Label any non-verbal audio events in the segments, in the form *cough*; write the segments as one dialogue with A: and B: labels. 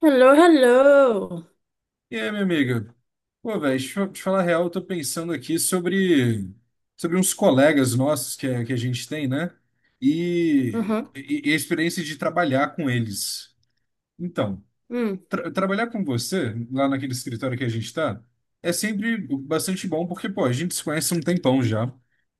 A: Hello, hello.
B: E aí, minha amiga? Pô, velho, deixa eu te falar a real, eu tô pensando aqui sobre uns colegas nossos que a gente tem, né? E,
A: Uhum.
B: e, e a experiência de trabalhar com eles. Então,
A: Hum.
B: trabalhar com você, lá naquele escritório que a gente está, é sempre bastante bom, porque, pô, a gente se conhece há um tempão já,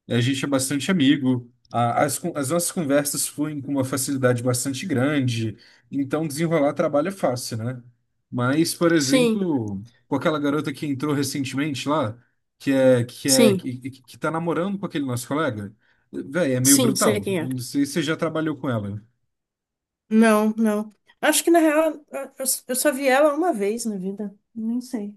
B: a gente é bastante amigo, as nossas conversas fluem com uma facilidade bastante grande, então desenrolar trabalho é fácil, né? Mas, por
A: Sim,
B: exemplo, com aquela garota que entrou recentemente lá, que é que é
A: sim,
B: que tá namorando com aquele nosso colega, velho, é meio
A: sim, sei
B: brutal.
A: quem é.
B: Não sei se você já trabalhou com ela.
A: Não, não. Acho que na real eu só vi ela uma vez na vida. Nem sei.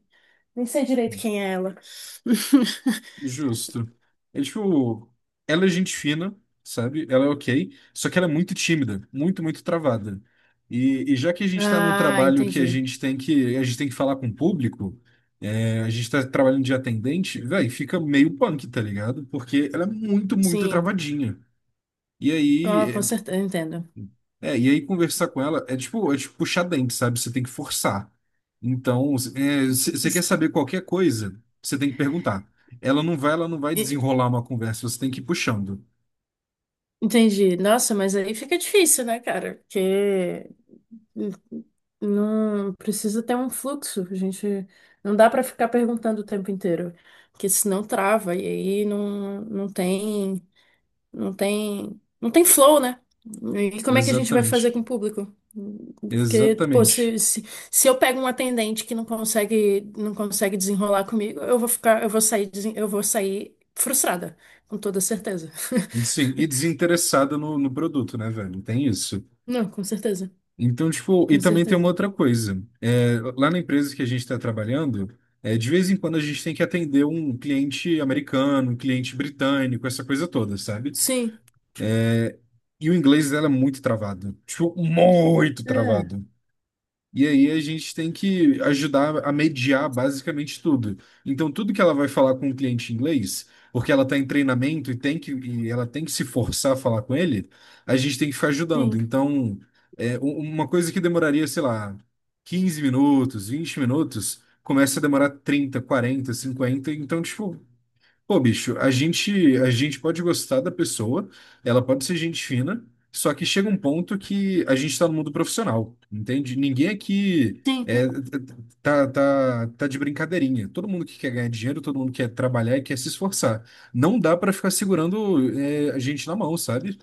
A: Nem sei direito quem é ela. *laughs*
B: Justo. É tipo, ela é gente fina, sabe? Ela é ok, só que ela é muito tímida, muito, muito travada. E já que a gente tá num
A: Ah,
B: trabalho que
A: entendi.
B: a gente tem que falar com o público, a gente tá trabalhando de atendente, velho, fica meio punk, tá ligado? Porque ela é muito, muito
A: Sim,
B: travadinha. E
A: com,
B: aí,
A: com certeza, entendo.
B: e aí conversar com ela é tipo puxar dente, sabe? Você tem que forçar. Então, você quer saber qualquer coisa, você tem que perguntar. Ela não vai
A: E-
B: desenrolar uma conversa, você tem que ir puxando.
A: Entendi. Nossa, mas aí fica difícil, né, cara? Porque não precisa ter um fluxo, a gente. Não dá para ficar perguntando o tempo inteiro, porque senão trava e aí não tem flow, né? E como é que a gente vai fazer com
B: Exatamente.
A: o público? Porque, pô,
B: Exatamente.
A: se eu pego um atendente que não consegue desenrolar comigo, eu vou sair, eu vou sair frustrada, com toda certeza.
B: Sim, e
A: *laughs*
B: desinteressada no produto, né, velho? Tem isso.
A: Não, com certeza,
B: Então, tipo, e
A: com
B: também tem uma
A: certeza.
B: outra coisa. É, lá na empresa que a gente está trabalhando, é, de vez em quando a gente tem que atender um cliente americano, um cliente britânico, essa coisa toda, sabe?
A: Sim.
B: E o inglês dela é muito travado. Tipo, muito
A: É.
B: travado. E aí a gente tem que ajudar a mediar basicamente tudo. Então, tudo que ela vai falar com o cliente em inglês, porque ela está em treinamento e ela tem que se forçar a falar com ele, a gente tem que ficar ajudando.
A: Sim.
B: Então, uma coisa que demoraria, sei lá, 15 minutos, 20 minutos, começa a demorar 30 40 50. Então, tipo, pô, bicho, a gente pode gostar da pessoa, ela pode ser gente fina, só que chega um ponto que a gente está no mundo profissional, entende? Ninguém aqui
A: Sim.
B: é, tá, tá, tá de brincadeirinha. Todo mundo que quer ganhar dinheiro, todo mundo quer trabalhar e quer se esforçar. Não dá para ficar segurando a gente na mão, sabe?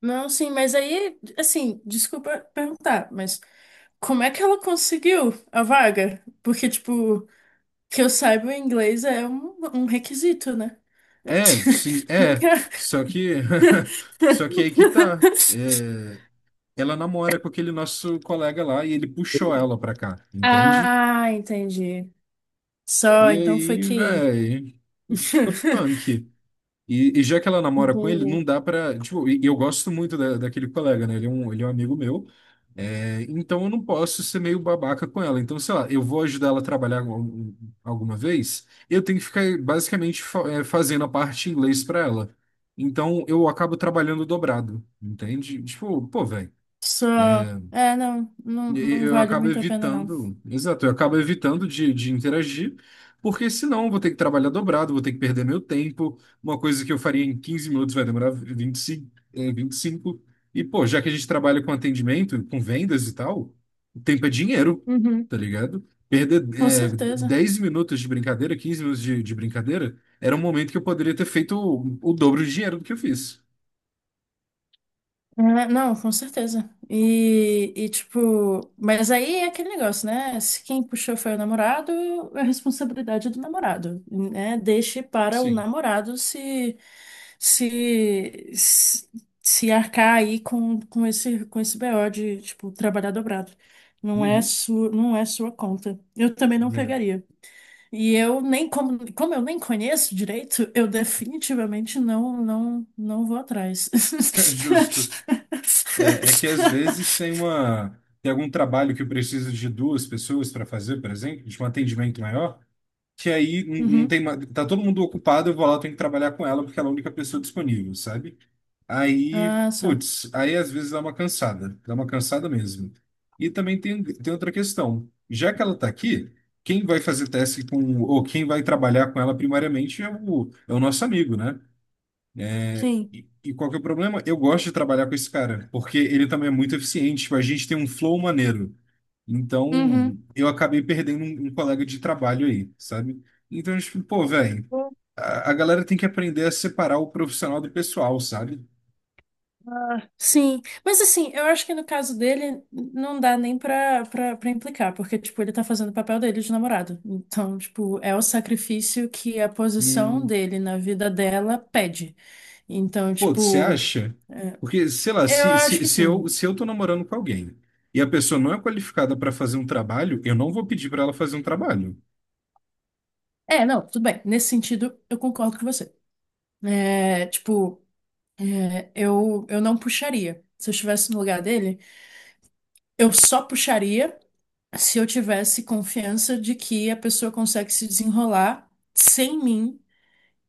A: Não, sim, mas aí, assim, desculpa perguntar, mas como é que ela conseguiu a vaga? Porque, tipo, que eu saiba, o inglês é um requisito, né?
B: É, sim,
A: *laughs* Não que
B: é.
A: é?
B: Só que, *laughs* só que aí que tá.
A: *laughs*
B: É, ela namora com aquele nosso colega lá e ele puxou ela pra cá, entende?
A: Ah, entendi. Só,
B: E
A: então foi
B: aí,
A: QI.
B: velho, fica punk.
A: *laughs*
B: E já que ela namora com ele, não
A: Entendi.
B: dá pra. Tipo, e eu gosto muito daquele colega, né? Ele é um amigo meu. É, então eu não posso ser meio babaca com ela. Então, sei lá, eu vou ajudar ela a trabalhar alguma vez, eu tenho que ficar basicamente fazendo a parte em inglês pra ela. Então eu acabo trabalhando dobrado, entende? Tipo, pô, velho.
A: Só. É, não vale muito a pena, não.
B: Exato, eu acabo evitando de interagir, porque senão eu vou ter que trabalhar dobrado, vou ter que perder meu tempo. Uma coisa que eu faria em 15 minutos vai demorar 25, vinte e cinco. E pô, já que a gente trabalha com atendimento, com vendas e tal, o tempo é dinheiro,
A: Uhum.
B: tá ligado? Perder,
A: Com certeza.
B: 10 minutos de brincadeira, 15 minutos de brincadeira, era um momento que eu poderia ter feito o dobro de dinheiro do que eu fiz.
A: É, não, com certeza. E, tipo, mas aí é aquele negócio, né? Se quem puxou foi o namorado, é responsabilidade do namorado, né? Deixe para o
B: Sim.
A: namorado se se se, se arcar aí com esse BO de, tipo, trabalhar dobrado.
B: Uhum.
A: Não é sua conta. Eu também não
B: É.
A: pegaria. E eu nem como eu nem conheço direito, eu definitivamente não vou atrás.
B: *laughs* Justo. É, é que às vezes
A: *laughs*
B: tem algum trabalho que precisa de duas pessoas para fazer, por exemplo, de um atendimento maior, que aí não, não
A: Uhum.
B: tem ma- tá todo mundo ocupado, eu vou lá, eu tenho que trabalhar com ela porque ela é a única pessoa disponível, sabe? Aí,
A: Ah, só.
B: putz, aí às vezes dá uma cansada mesmo. E também tem outra questão. Já que ela tá aqui, quem vai fazer teste com ou quem vai trabalhar com ela primariamente é o nosso amigo, né?
A: Sim.
B: E qual que é o problema? Eu gosto de trabalhar com esse cara, porque ele também é muito eficiente, tipo, a gente tem um flow maneiro.
A: Uhum.
B: Então, eu acabei perdendo um colega de trabalho aí, sabe? Então, tipo, pô, velho, a galera tem que aprender a separar o profissional do pessoal, sabe?
A: Sim, mas assim, eu acho que no caso dele não dá nem pra implicar, porque, tipo, ele tá fazendo o papel dele de namorado. Então, tipo, é o sacrifício que a posição
B: Hum,
A: dele na vida dela pede. Então,
B: pô, você
A: tipo,
B: acha? Porque, sei lá,
A: eu acho que sim.
B: se eu tô namorando com alguém e a pessoa não é qualificada para fazer um trabalho, eu não vou pedir para ela fazer um trabalho.
A: É, não, tudo bem. Nesse sentido, eu concordo com você. É, tipo, é, eu não puxaria. Se eu estivesse no lugar dele, eu só puxaria se eu tivesse confiança de que a pessoa consegue se desenrolar sem mim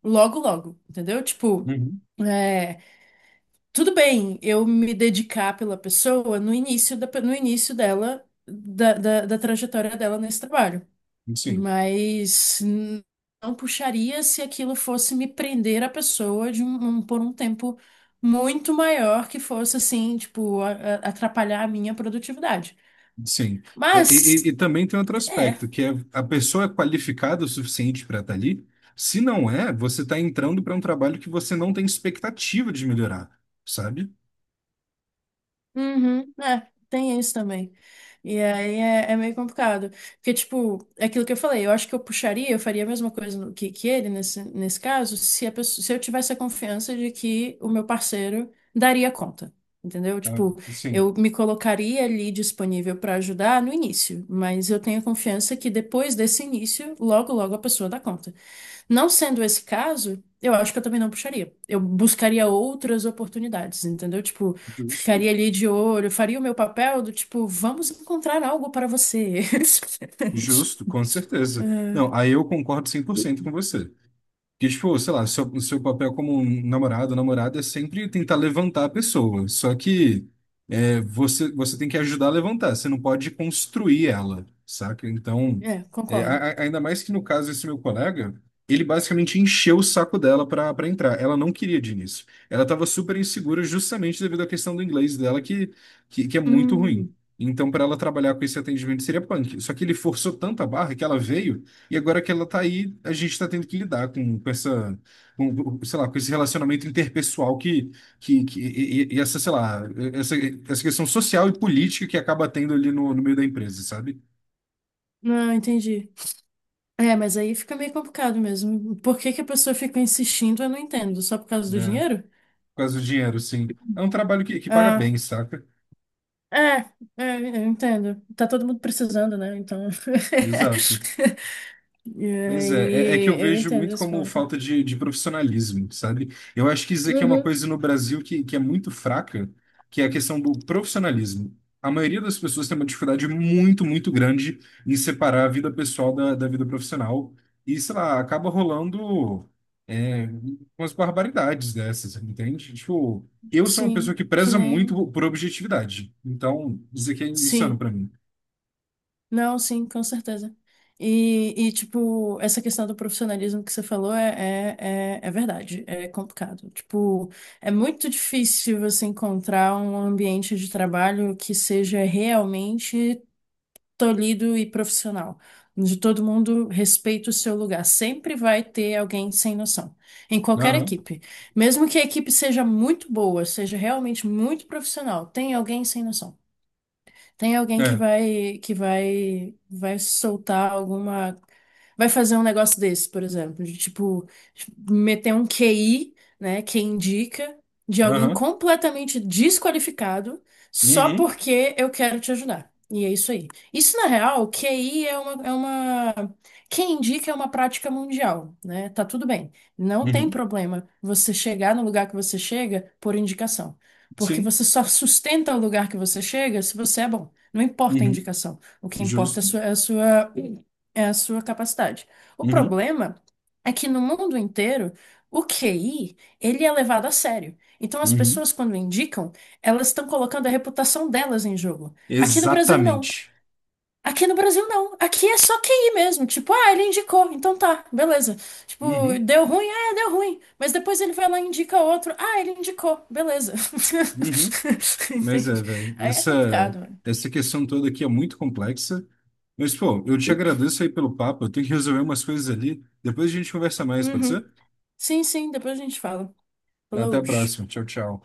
A: logo, logo, entendeu? Tipo,
B: Uhum.
A: é, tudo bem eu me dedicar pela pessoa no no início dela, da, da trajetória dela nesse trabalho.
B: Sim.
A: Mas não puxaria se aquilo fosse me prender a pessoa de por um tempo muito maior que fosse assim, tipo, atrapalhar a minha produtividade.
B: Sim.
A: Mas,
B: E também tem outro
A: é.
B: aspecto, que é a pessoa é qualificada o suficiente para estar ali. Se não é, você está entrando para um trabalho que você não tem expectativa de melhorar, sabe?
A: Uhum, é, tem isso também. E aí é, é meio complicado. Porque, tipo, é aquilo que eu falei, eu acho que eu puxaria, eu faria a mesma coisa que ele nesse caso, se eu tivesse a confiança de que o meu parceiro daria conta. Entendeu?
B: Ah,
A: Tipo,
B: sim,
A: eu me colocaria ali disponível para ajudar no início, mas eu tenho a confiança que depois desse início, logo, logo a pessoa dá conta. Não sendo esse caso, eu acho que eu também não puxaria. Eu buscaria outras oportunidades, entendeu? Tipo,
B: justo.
A: ficaria ali de olho, faria o meu papel do tipo, vamos encontrar algo para você. *laughs*
B: Justo, com certeza. Não, aí eu concordo 100% com você. Que, tipo, sei lá, seu papel como um namorado, namorada é sempre tentar levantar a pessoa. Só que é, você tem que ajudar a levantar, você não pode construir ela, saca? Então,
A: É, é,
B: é,
A: concordo.
B: ainda mais que no caso desse meu colega, ele basicamente encheu o saco dela para entrar. Ela não queria de início. Ela estava super insegura justamente devido à questão do inglês dela, que é muito ruim.
A: Hum,
B: Então, para ela trabalhar com esse atendimento seria punk. Só que ele forçou tanta barra que ela veio. E agora que ela tá aí, a gente tá tendo que lidar com sei lá, com esse relacionamento interpessoal que essa, sei lá, essa questão social e política que acaba tendo ali no meio da empresa, sabe?
A: não, entendi. É, mas aí fica meio complicado mesmo. Por que que a pessoa fica insistindo, eu não entendo. Só por causa do
B: Né?
A: dinheiro?
B: Por causa do dinheiro, sim. É um trabalho que paga
A: Ah,
B: bem, saca?
A: é, é, eu entendo. Tá todo mundo precisando, né? Então.
B: Exato.
A: *laughs* E
B: Mas é que
A: aí,
B: eu
A: eu
B: vejo
A: entendo
B: muito
A: esse
B: como
A: ponto.
B: falta de profissionalismo, sabe? Eu acho que isso aqui é uma
A: Uhum,
B: coisa no Brasil que é muito fraca, que é a questão do profissionalismo. A maioria das pessoas tem uma dificuldade muito, muito grande em separar a vida pessoal da vida profissional. E, sei lá, acaba rolando é, umas barbaridades dessas, entende? Tipo, eu sou uma pessoa
A: sim,
B: que
A: que
B: preza
A: nem.
B: muito por objetividade. Então, isso aqui é insano
A: Sim,
B: pra mim.
A: não, sim, com certeza. E, tipo, essa questão do profissionalismo que você falou é verdade, é complicado. Tipo, é muito difícil você encontrar um ambiente de trabalho que seja realmente tolhido e profissional, onde todo mundo respeita o seu lugar. Sempre vai ter alguém sem noção, em qualquer
B: Aham,
A: equipe. Mesmo que a equipe seja muito boa, seja realmente muito profissional, tem alguém sem noção. Tem alguém que
B: é,
A: vai que vai vai soltar alguma vai fazer um negócio desse, por exemplo, de tipo meter um QI, né, que indica de alguém
B: aham,
A: completamente desqualificado só
B: uhum,
A: porque eu quero te ajudar. E é isso aí. Isso, na real, QI é é uma... Quem indica é uma prática mundial, né? Tá tudo bem. Não tem
B: uhum,
A: problema você chegar no lugar que você chega por indicação. Porque
B: sim.
A: você só sustenta o lugar que você chega se você é bom. Não importa a
B: Uhum.
A: indicação. O que importa é
B: Justo.
A: a sua, é a sua capacidade. O
B: Uhum.
A: problema é que no mundo inteiro, o QI, ele é levado a sério. Então, as
B: Uhum.
A: pessoas, quando indicam, elas estão colocando a reputação delas em jogo. Aqui no Brasil, não.
B: Exatamente.
A: Aqui no Brasil, não. Aqui é só QI mesmo. Tipo, ah, ele indicou, então tá, beleza. Tipo,
B: Uhum.
A: deu ruim, ah, deu ruim. Mas depois ele vai lá e indica outro, ah, ele indicou, beleza.
B: Uhum.
A: *laughs*
B: Mas é,
A: Entende?
B: velho,
A: Aí é
B: essa,
A: complicado, mano.
B: essa questão toda aqui é muito complexa. Mas, pô, eu te agradeço aí pelo papo. Eu tenho que resolver umas coisas ali. Depois a gente conversa mais, pode
A: Uhum.
B: ser?
A: Sim, sim, depois a gente fala.
B: Então, até
A: Falou.
B: a próxima. Tchau, tchau.